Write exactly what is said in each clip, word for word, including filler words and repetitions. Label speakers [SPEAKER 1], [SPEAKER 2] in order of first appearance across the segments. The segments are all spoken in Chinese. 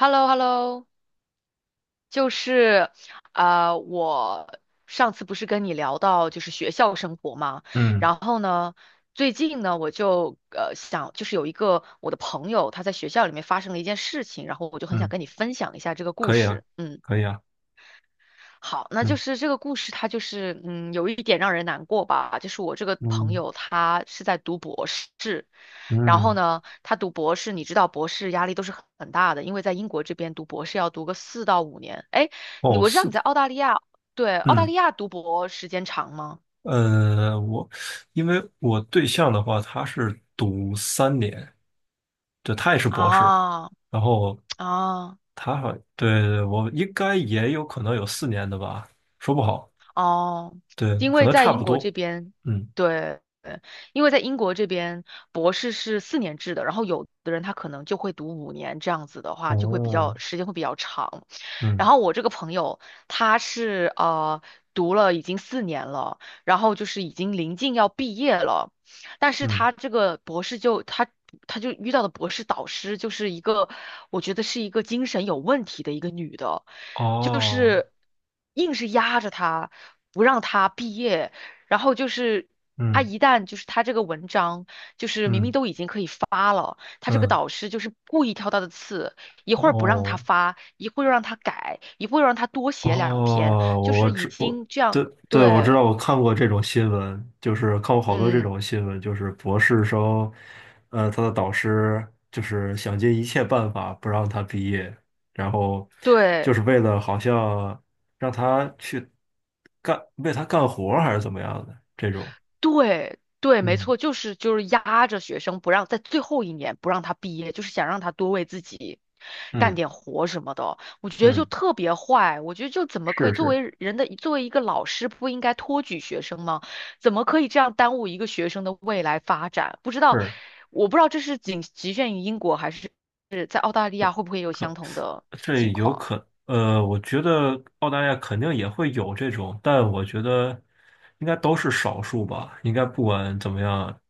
[SPEAKER 1] h e l l o h e l l o 就是呃，我上次不是跟你聊到就是学校生活嘛，
[SPEAKER 2] 嗯
[SPEAKER 1] 然后呢，最近呢，我就呃想，就是有一个我的朋友他在学校里面发生了一件事情，然后我就很想
[SPEAKER 2] 嗯，
[SPEAKER 1] 跟你分享一下这个故
[SPEAKER 2] 可以啊，
[SPEAKER 1] 事。嗯，
[SPEAKER 2] 可以啊，
[SPEAKER 1] 好，那就
[SPEAKER 2] 嗯
[SPEAKER 1] 是这个故事它就是嗯有一点让人难过吧，就是我这个朋
[SPEAKER 2] 嗯
[SPEAKER 1] 友他是在读博士。然后
[SPEAKER 2] 嗯，
[SPEAKER 1] 呢，他读博士，你知道博士压力都是很很大的，因为在英国这边读博士要读个四到五年。哎，你
[SPEAKER 2] 哦，
[SPEAKER 1] 我知道
[SPEAKER 2] 是
[SPEAKER 1] 你
[SPEAKER 2] 的，
[SPEAKER 1] 在澳大利亚，对，澳大
[SPEAKER 2] 嗯
[SPEAKER 1] 利亚读博时间长吗？
[SPEAKER 2] 呃，我因为我对象的话，他是读三年，对，他也是博士，
[SPEAKER 1] 啊
[SPEAKER 2] 然后
[SPEAKER 1] 啊。
[SPEAKER 2] 他好，对对，我应该也有可能有四年的吧，说不好，
[SPEAKER 1] 哦，
[SPEAKER 2] 对，
[SPEAKER 1] 因
[SPEAKER 2] 可
[SPEAKER 1] 为
[SPEAKER 2] 能
[SPEAKER 1] 在
[SPEAKER 2] 差
[SPEAKER 1] 英
[SPEAKER 2] 不
[SPEAKER 1] 国
[SPEAKER 2] 多，
[SPEAKER 1] 这边，
[SPEAKER 2] 嗯，
[SPEAKER 1] 对，因为在英国这边博士是四年制的，然后有的人他可能就会读五年，这样子的话就会比
[SPEAKER 2] 哦，
[SPEAKER 1] 较时间会比较长。然
[SPEAKER 2] 嗯
[SPEAKER 1] 后我这个朋友他是呃读了已经四年了，然后就是已经临近要毕业了，但是
[SPEAKER 2] 嗯，
[SPEAKER 1] 他这个博士就他他就遇到的博士导师就是一个，我觉得是一个精神有问题的一个女的，就
[SPEAKER 2] 哦，
[SPEAKER 1] 是硬是压着他，不让他毕业，然后就是他
[SPEAKER 2] 嗯
[SPEAKER 1] 一旦就是他这个文章，
[SPEAKER 2] 嗯
[SPEAKER 1] 哦，他这个
[SPEAKER 2] 嗯，
[SPEAKER 1] 导师就是故意挑他的刺，一会儿不让他
[SPEAKER 2] 哦，
[SPEAKER 1] 发，一会儿又让他改，一会儿又让他多写两篇，
[SPEAKER 2] 哦，
[SPEAKER 1] 就
[SPEAKER 2] 我我
[SPEAKER 1] 是已
[SPEAKER 2] 知我
[SPEAKER 1] 经这样，
[SPEAKER 2] 对对，我知道，
[SPEAKER 1] 对，
[SPEAKER 2] 我看过这种新闻，就是看过好多这
[SPEAKER 1] 嗯，
[SPEAKER 2] 种新闻，就是博士生，呃，他的导师就是想尽一切办法不让他毕业，然后就
[SPEAKER 1] 对。
[SPEAKER 2] 是为了好像让他去干，为他干活儿还是怎么样的这种，
[SPEAKER 1] 对对，没
[SPEAKER 2] 嗯
[SPEAKER 1] 错，就是就是压着学生不让在最后一年不让他毕业，就是想让他多为自己干
[SPEAKER 2] 嗯
[SPEAKER 1] 点活什么的。我觉得就
[SPEAKER 2] 嗯，
[SPEAKER 1] 特别坏，我觉得就怎么可以
[SPEAKER 2] 是
[SPEAKER 1] 作
[SPEAKER 2] 是
[SPEAKER 1] 为人的作为一个老师不应该托举学生吗？怎么可以这样耽误一个学生的未来发展？不知道，
[SPEAKER 2] 是。
[SPEAKER 1] 我不知道这是仅局限于英国还是是在澳大利亚会不会有
[SPEAKER 2] 可。
[SPEAKER 1] 相同的
[SPEAKER 2] 对，
[SPEAKER 1] 情
[SPEAKER 2] 有
[SPEAKER 1] 况？
[SPEAKER 2] 可，呃，我觉得澳大利亚肯定也会有这种，但我觉得应该都是少数吧。应该不管怎么样，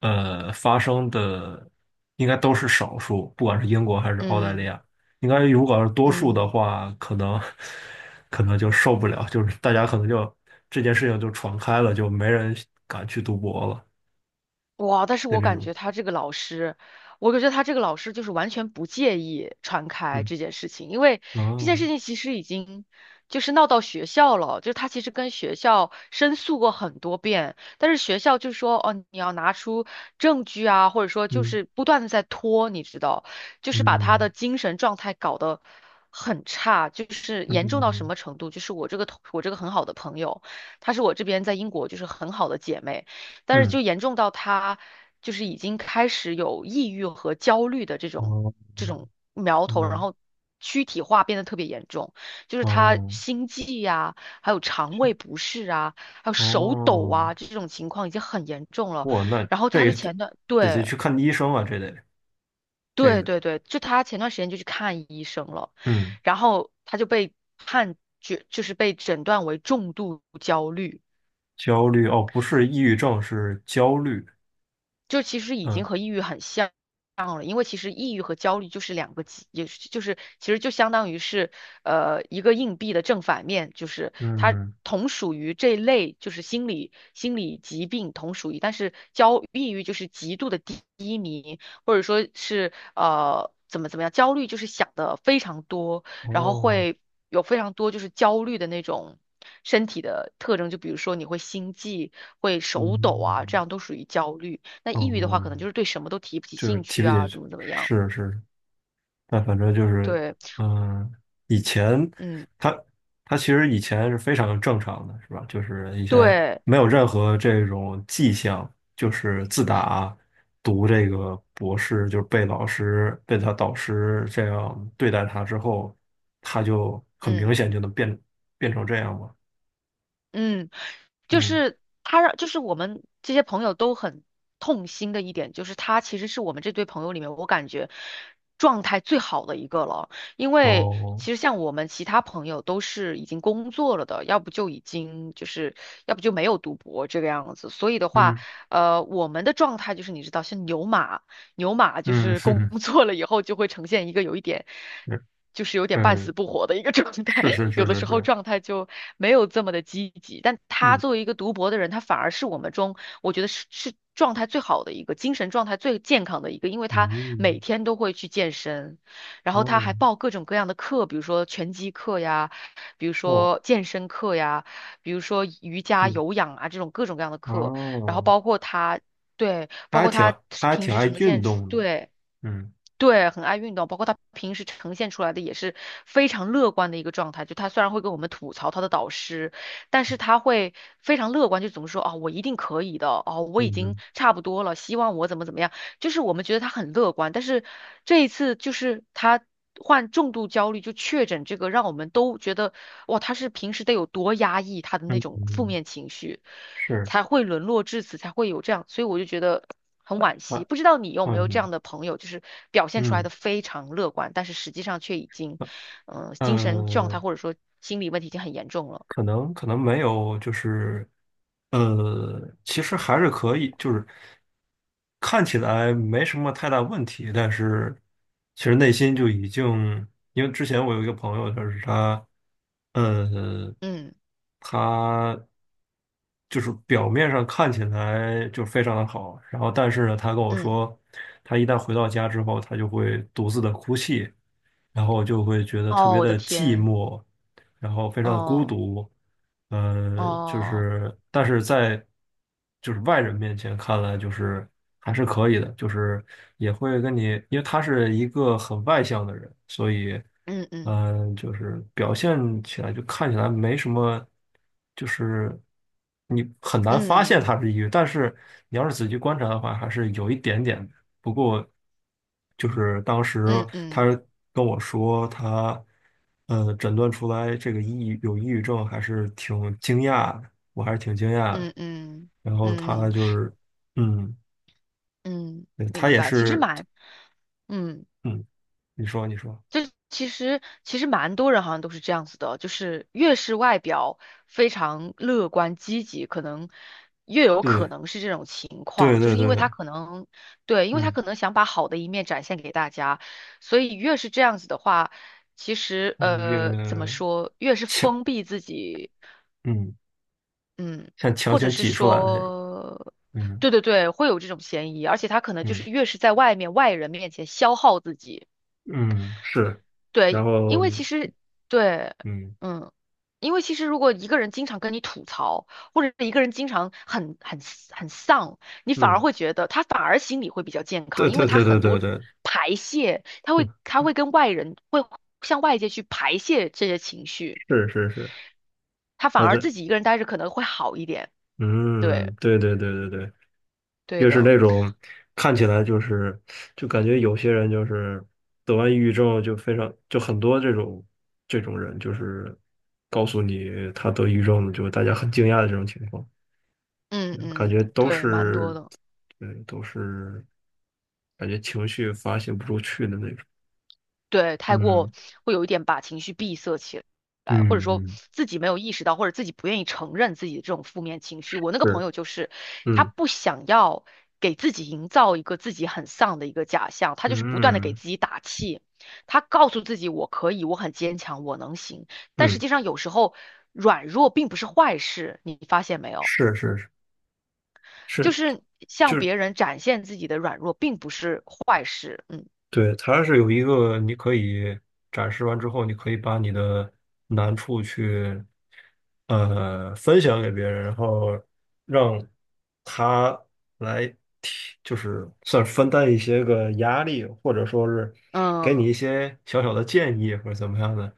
[SPEAKER 2] 呃，发生的应该都是少数，不管是英国还是澳大利
[SPEAKER 1] 嗯
[SPEAKER 2] 亚。应该如果要是多数的
[SPEAKER 1] 嗯。
[SPEAKER 2] 话，可能可能就受不了，就是大家可能就这件事情就传开了，就没人敢去赌博了
[SPEAKER 1] 哇！但是
[SPEAKER 2] 的
[SPEAKER 1] 我
[SPEAKER 2] 这
[SPEAKER 1] 感
[SPEAKER 2] 种。
[SPEAKER 1] 觉他这个老师，我感觉他这个老师就是完全不介意传开
[SPEAKER 2] 嗯，
[SPEAKER 1] 这件事情，因为这件
[SPEAKER 2] 哦，
[SPEAKER 1] 事情其实已经就是闹到学校了，就是他其实跟学校申诉过很多遍，但是学校就说哦，你要拿出证据啊，或者说就
[SPEAKER 2] 嗯
[SPEAKER 1] 是不断的在拖，你知道，就是把他
[SPEAKER 2] 嗯
[SPEAKER 1] 的精神状态搞得很差，就是严重到什
[SPEAKER 2] 嗯
[SPEAKER 1] 么程度？就是我这个同我这个很好的朋友，她是我这边在英国就是很好的姐妹。但是
[SPEAKER 2] 嗯，
[SPEAKER 1] 就严重到他就是已经开始有抑郁和焦虑的这种
[SPEAKER 2] 哦，
[SPEAKER 1] 这种苗头，然
[SPEAKER 2] 那
[SPEAKER 1] 后躯体化变得特别严重，就是他
[SPEAKER 2] 哦。
[SPEAKER 1] 心悸呀、还有肠胃不适啊，还有手抖
[SPEAKER 2] 哦，
[SPEAKER 1] 啊这种情况已经很严重了。
[SPEAKER 2] 哇，那
[SPEAKER 1] 然后
[SPEAKER 2] 这
[SPEAKER 1] 他就
[SPEAKER 2] 个得
[SPEAKER 1] 前段
[SPEAKER 2] 得得
[SPEAKER 1] 对
[SPEAKER 2] 去看医生啊，这得这个
[SPEAKER 1] 对
[SPEAKER 2] 得，
[SPEAKER 1] 对对，就他前段时间就去看医生了，
[SPEAKER 2] 嗯，
[SPEAKER 1] 然后他就被判决就是被诊断为重度焦虑。
[SPEAKER 2] 焦虑哦，不是抑郁症，是焦虑，
[SPEAKER 1] 就其实已经
[SPEAKER 2] 嗯
[SPEAKER 1] 和抑郁很像了，因为其实抑郁和焦虑就是两个极，也是就是其实就相当于是呃一个硬币的正反面，就是它
[SPEAKER 2] 嗯，
[SPEAKER 1] 同属于这类就是心理心理疾病同属于，但是焦抑郁就是极度的低迷，或者说是呃怎么怎么样，焦虑就是想的非常多，然后
[SPEAKER 2] 哦，
[SPEAKER 1] 会有非常多就是焦虑的那种。身体的特征，就比如说你会心悸、会手抖啊，这
[SPEAKER 2] 嗯，
[SPEAKER 1] 样都属于焦虑。那抑郁的话，
[SPEAKER 2] 哦，
[SPEAKER 1] 可能就是对什么都提不起
[SPEAKER 2] 就是
[SPEAKER 1] 兴
[SPEAKER 2] 提
[SPEAKER 1] 趣
[SPEAKER 2] 不
[SPEAKER 1] 啊，
[SPEAKER 2] 起，
[SPEAKER 1] 怎么怎么样？
[SPEAKER 2] 是是，但反正就是，
[SPEAKER 1] 对，
[SPEAKER 2] 嗯，以前
[SPEAKER 1] 嗯，
[SPEAKER 2] 他他其实以前是非常正常的，是吧？就是以前
[SPEAKER 1] 对，
[SPEAKER 2] 没有任何这种迹象，就是自打读这个博士，就是被老师被他导师这样对待他之后，他就很
[SPEAKER 1] 嗯
[SPEAKER 2] 明显就能变变成这样嘛。
[SPEAKER 1] 嗯，就
[SPEAKER 2] 嗯，
[SPEAKER 1] 是他让，就是我们这些朋友都很痛心的一点，就是他其实是我们这堆朋友里面，我感觉状态最好的一个了。因为
[SPEAKER 2] 哦，
[SPEAKER 1] 其实像我们其他朋友都是已经工作了的，要不就已经就是，要不就没有读博这个样子。所以的话，
[SPEAKER 2] 嗯
[SPEAKER 1] 呃，我们的状态就是你知道，像牛马。牛马就
[SPEAKER 2] 嗯，
[SPEAKER 1] 是工
[SPEAKER 2] 是，
[SPEAKER 1] 作了以后就会呈现一个有一点，就是有点半死
[SPEAKER 2] 嗯，
[SPEAKER 1] 不活的一个 状态，
[SPEAKER 2] 是是
[SPEAKER 1] 有
[SPEAKER 2] 是
[SPEAKER 1] 的
[SPEAKER 2] 是
[SPEAKER 1] 时候
[SPEAKER 2] 是，
[SPEAKER 1] 状态就没有这么的积极。但他
[SPEAKER 2] 嗯
[SPEAKER 1] 作为一个读博的人，他反而是我们中我觉得是是状态最好的一个，精神状态最健康的一个，因为他每
[SPEAKER 2] 嗯，
[SPEAKER 1] 天都会去健身，然后他
[SPEAKER 2] 哦
[SPEAKER 1] 还报各种各样的课，比如说拳击课呀，比如
[SPEAKER 2] 哦，
[SPEAKER 1] 说健身课呀。比如说瑜伽、
[SPEAKER 2] 嗯
[SPEAKER 1] 有氧啊这种各种各样的课，然后
[SPEAKER 2] 哦。
[SPEAKER 1] 包括他。对，
[SPEAKER 2] 他
[SPEAKER 1] 包
[SPEAKER 2] 还
[SPEAKER 1] 括
[SPEAKER 2] 挺
[SPEAKER 1] 他
[SPEAKER 2] 他还
[SPEAKER 1] 平
[SPEAKER 2] 挺
[SPEAKER 1] 时
[SPEAKER 2] 爱
[SPEAKER 1] 呈
[SPEAKER 2] 运
[SPEAKER 1] 现出，
[SPEAKER 2] 动的，
[SPEAKER 1] 对
[SPEAKER 2] 嗯
[SPEAKER 1] 对，很爱运动，包括他平时呈现出来的也是非常乐观的一个状态。就他虽然会跟我们吐槽他的导师，但是他会非常乐观，就怎么说啊、我一定可以的，哦，我已
[SPEAKER 2] 嗯
[SPEAKER 1] 经
[SPEAKER 2] 嗯
[SPEAKER 1] 差不多了，希望我怎么怎么样，就是我们觉得他很乐观，但是这一次就是他。患重度焦虑就确诊这个，让我们都觉得哇，他是平时得有多压抑他的那
[SPEAKER 2] 嗯，
[SPEAKER 1] 种负
[SPEAKER 2] 嗯
[SPEAKER 1] 面情绪，
[SPEAKER 2] 是
[SPEAKER 1] 才会沦落至此，才会有这样。所以我就觉得很惋
[SPEAKER 2] 啊，
[SPEAKER 1] 惜。不知道你有
[SPEAKER 2] 哦
[SPEAKER 1] 没有这
[SPEAKER 2] 嗯
[SPEAKER 1] 样的朋友，就是表现出来
[SPEAKER 2] 嗯
[SPEAKER 1] 的非常乐观，但是实际上却已经，嗯、精神状态
[SPEAKER 2] 呃，
[SPEAKER 1] 或者说心理问题已经很严重了。
[SPEAKER 2] 可能可能没有，就是呃，其实还是可以，就是看起来没什么太大问题，但是其实内心就已经，因为之前我有一个朋友，就是他，呃，
[SPEAKER 1] 嗯
[SPEAKER 2] 他就是表面上看起来就非常的好，然后但是呢，他跟我
[SPEAKER 1] 嗯，
[SPEAKER 2] 说，他一旦回到家之后，他就会独自的哭泣，然后就会觉得特
[SPEAKER 1] 哦，
[SPEAKER 2] 别
[SPEAKER 1] 我的
[SPEAKER 2] 的寂
[SPEAKER 1] 天，
[SPEAKER 2] 寞。然后非常的孤
[SPEAKER 1] 哦
[SPEAKER 2] 独，呃，就
[SPEAKER 1] 哦，
[SPEAKER 2] 是但是在就是外人面前看来，就是还是可以的，就是也会跟你，因为他是一个很外向的人，所以
[SPEAKER 1] 嗯嗯
[SPEAKER 2] 嗯、呃就是表现起来就看起来没什么，就是你很难发
[SPEAKER 1] 嗯
[SPEAKER 2] 现他是抑郁，但是你要是仔细观察的话，还是有一点点的。不过就是当时
[SPEAKER 1] 嗯
[SPEAKER 2] 他
[SPEAKER 1] 嗯
[SPEAKER 2] 跟我说他，呃，诊断出来这个抑郁有抑郁症，还是挺惊讶的，我还是挺惊讶的。
[SPEAKER 1] 嗯嗯
[SPEAKER 2] 然后他
[SPEAKER 1] 嗯
[SPEAKER 2] 就是，嗯，
[SPEAKER 1] 嗯，
[SPEAKER 2] 对他
[SPEAKER 1] 明
[SPEAKER 2] 也
[SPEAKER 1] 白。其实
[SPEAKER 2] 是，
[SPEAKER 1] 蛮，嗯。
[SPEAKER 2] 嗯，你说你说，
[SPEAKER 1] 就其实其实蛮多人好像都是这样子的，就是越是外表非常乐观积极，可能越有可
[SPEAKER 2] 对
[SPEAKER 1] 能是这种情
[SPEAKER 2] 对
[SPEAKER 1] 况，就
[SPEAKER 2] 对
[SPEAKER 1] 是因为他
[SPEAKER 2] 对，
[SPEAKER 1] 可能对，因为他
[SPEAKER 2] 嗯，
[SPEAKER 1] 可能想把好的一面展现给大家，所以越是这样子的话，其实
[SPEAKER 2] 他越
[SPEAKER 1] 呃怎么说，越是
[SPEAKER 2] 强，
[SPEAKER 1] 封闭自己，
[SPEAKER 2] 嗯，
[SPEAKER 1] 嗯，
[SPEAKER 2] 像强
[SPEAKER 1] 或者
[SPEAKER 2] 行
[SPEAKER 1] 是
[SPEAKER 2] 挤出来的那种，
[SPEAKER 1] 说。
[SPEAKER 2] 嗯
[SPEAKER 1] 对对对，会有这种嫌疑，而且他可能就
[SPEAKER 2] 嗯
[SPEAKER 1] 是越是在外面外人面前消耗自己，
[SPEAKER 2] 嗯，是，然
[SPEAKER 1] 对，因
[SPEAKER 2] 后
[SPEAKER 1] 为其实对，
[SPEAKER 2] 嗯
[SPEAKER 1] 嗯，因为其实如果一个人经常跟你吐槽，或者是一个人经常很很很丧，你反而
[SPEAKER 2] 嗯，
[SPEAKER 1] 会觉得他反而心理会比较健
[SPEAKER 2] 对
[SPEAKER 1] 康，因为
[SPEAKER 2] 对
[SPEAKER 1] 他
[SPEAKER 2] 对对
[SPEAKER 1] 很
[SPEAKER 2] 对
[SPEAKER 1] 多
[SPEAKER 2] 对，
[SPEAKER 1] 排泄，他会
[SPEAKER 2] 嗯
[SPEAKER 1] 他会跟外人会向外界去排泄这些情绪，
[SPEAKER 2] 是是是，
[SPEAKER 1] 他反
[SPEAKER 2] 他
[SPEAKER 1] 而
[SPEAKER 2] 的。
[SPEAKER 1] 自己一个人待着可能会好一点。对，
[SPEAKER 2] 嗯，对对对对对，
[SPEAKER 1] 对
[SPEAKER 2] 越是
[SPEAKER 1] 的，
[SPEAKER 2] 那种看起来就是就感觉有些人就是得完抑郁症就非常就很多这种这种人就是告诉你他得抑郁症了，就大家很惊讶的这种情况，
[SPEAKER 1] 嗯
[SPEAKER 2] 嗯感
[SPEAKER 1] 嗯，
[SPEAKER 2] 觉都
[SPEAKER 1] 对，蛮多
[SPEAKER 2] 是
[SPEAKER 1] 的。
[SPEAKER 2] 对都是感觉情绪发泄不出去的那种。
[SPEAKER 1] 对，太
[SPEAKER 2] 嗯
[SPEAKER 1] 过会有一点把情绪闭塞起来，或者
[SPEAKER 2] 嗯
[SPEAKER 1] 说
[SPEAKER 2] 嗯，
[SPEAKER 1] 自己没有意识到，或者自己不愿意承认自己的这种负面情绪。我那个朋
[SPEAKER 2] 是，
[SPEAKER 1] 友就是，他
[SPEAKER 2] 嗯
[SPEAKER 1] 不想要给自己营造一个自己很丧的一个假象，他就是不断的给
[SPEAKER 2] 嗯
[SPEAKER 1] 自己打气，他告诉自己我可以，我很坚强，我能行。但实
[SPEAKER 2] 嗯，
[SPEAKER 1] 际上有时候软弱并不是坏事，你发现没有？
[SPEAKER 2] 是是
[SPEAKER 1] 就
[SPEAKER 2] 是
[SPEAKER 1] 是向
[SPEAKER 2] 就是，
[SPEAKER 1] 别人展现自己的软弱并不是坏事。嗯
[SPEAKER 2] 对，它是有一个你可以展示完之后，你可以把你的难处去呃分享给别人，然后让他来提，就是算是分担一些个压力，或者说是给
[SPEAKER 1] 嗯，
[SPEAKER 2] 你一些小小的建议或者怎么样的。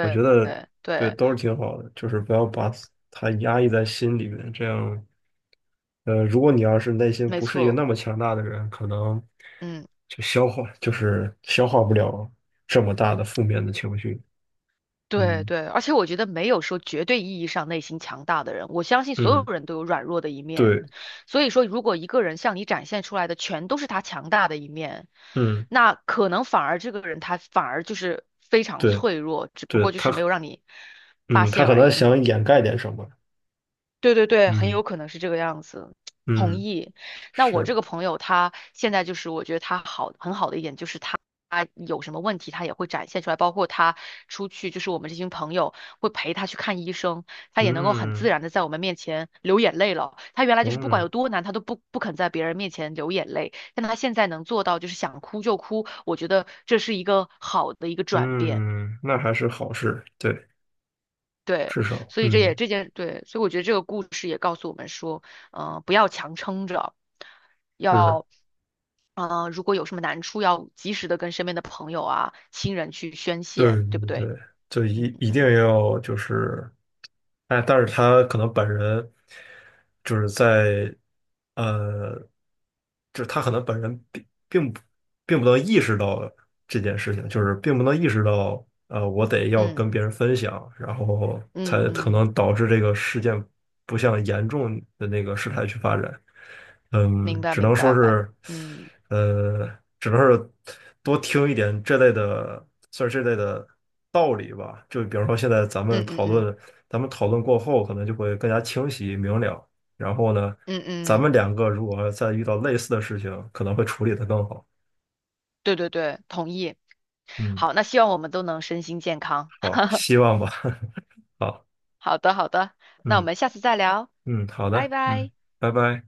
[SPEAKER 2] 我觉得
[SPEAKER 1] 对
[SPEAKER 2] 对
[SPEAKER 1] 对，
[SPEAKER 2] 都是挺好的，就是不要把它压抑在心里面，这样。呃，如果你要是内心
[SPEAKER 1] 没
[SPEAKER 2] 不是一个
[SPEAKER 1] 错。
[SPEAKER 2] 那么强大的人，可能
[SPEAKER 1] 嗯，
[SPEAKER 2] 就消化，就是消化不了这么大的负面的情绪。
[SPEAKER 1] 对
[SPEAKER 2] 嗯，
[SPEAKER 1] 对，而且我觉得没有说绝对意义上内心强大的人，我相信所有
[SPEAKER 2] 嗯，
[SPEAKER 1] 人都有软弱的一面。
[SPEAKER 2] 对，
[SPEAKER 1] 所以说，如果一个人向你展现出来的全都是他强大的一面，
[SPEAKER 2] 嗯，
[SPEAKER 1] 那可能反而这个人他反而就是非常
[SPEAKER 2] 对，
[SPEAKER 1] 脆弱，只不
[SPEAKER 2] 对，
[SPEAKER 1] 过就
[SPEAKER 2] 他，
[SPEAKER 1] 是没有让你发
[SPEAKER 2] 嗯，他
[SPEAKER 1] 现
[SPEAKER 2] 可
[SPEAKER 1] 而已。
[SPEAKER 2] 能
[SPEAKER 1] 嗯。
[SPEAKER 2] 想掩盖点什么。
[SPEAKER 1] 对对对，很
[SPEAKER 2] 嗯，
[SPEAKER 1] 有可能是这个样子，同
[SPEAKER 2] 嗯，
[SPEAKER 1] 意。那我
[SPEAKER 2] 是，
[SPEAKER 1] 这个朋友他现在就是，我觉得他好很好的一点就是他有什么问题他也会展现出来，包括他出去就是我们这群朋友会陪他去看医生，他也能够很
[SPEAKER 2] 嗯，
[SPEAKER 1] 自然的在我们面前流眼泪了。他原来就是不管
[SPEAKER 2] 嗯，
[SPEAKER 1] 有多难，他都不不肯在别人面前流眼泪，但他现在能做到就是想哭就哭，我觉得这是一个好的一个转变。
[SPEAKER 2] 嗯，那还是好事，对，
[SPEAKER 1] 对，
[SPEAKER 2] 至少，
[SPEAKER 1] 所以这也
[SPEAKER 2] 嗯，
[SPEAKER 1] 这件对，所以我觉得这个故事也告诉我们说，嗯，不要强撑着，
[SPEAKER 2] 是
[SPEAKER 1] 要，呃，如果有什么难处，要及时的跟身边的朋友啊、亲人去宣泄，
[SPEAKER 2] 对
[SPEAKER 1] 对不
[SPEAKER 2] 对
[SPEAKER 1] 对？
[SPEAKER 2] 对，就一
[SPEAKER 1] 嗯
[SPEAKER 2] 一定要就是，哎，但是他可能本人就是在，呃，就是他可能本人并并不并不能意识到这件事情，就是并不能意识到，呃，我得要
[SPEAKER 1] 嗯
[SPEAKER 2] 跟别人分享，然后
[SPEAKER 1] 嗯嗯
[SPEAKER 2] 才可
[SPEAKER 1] 嗯，
[SPEAKER 2] 能导致这个事件不向严重的那个事态去发展。
[SPEAKER 1] 明
[SPEAKER 2] 嗯，
[SPEAKER 1] 白
[SPEAKER 2] 只
[SPEAKER 1] 明
[SPEAKER 2] 能说
[SPEAKER 1] 白，
[SPEAKER 2] 是，
[SPEAKER 1] 嗯
[SPEAKER 2] 呃，只能是多听一点这类的，算是这类的道理吧。就比方说，现在咱们
[SPEAKER 1] 嗯嗯
[SPEAKER 2] 讨
[SPEAKER 1] 嗯
[SPEAKER 2] 论，咱们讨论过后，可能就会更加清晰明了。然后呢，
[SPEAKER 1] 嗯
[SPEAKER 2] 咱
[SPEAKER 1] 嗯，
[SPEAKER 2] 们两个如果再遇到类似的事情，可能会处理得更好。
[SPEAKER 1] 对对对，同意。
[SPEAKER 2] 嗯，
[SPEAKER 1] 好，那希望我们都能身心健康。
[SPEAKER 2] 好，希望吧。好，
[SPEAKER 1] 好的好的，那我
[SPEAKER 2] 嗯
[SPEAKER 1] 们下次再聊，
[SPEAKER 2] 嗯，好
[SPEAKER 1] 拜
[SPEAKER 2] 的，嗯，
[SPEAKER 1] 拜。
[SPEAKER 2] 拜拜。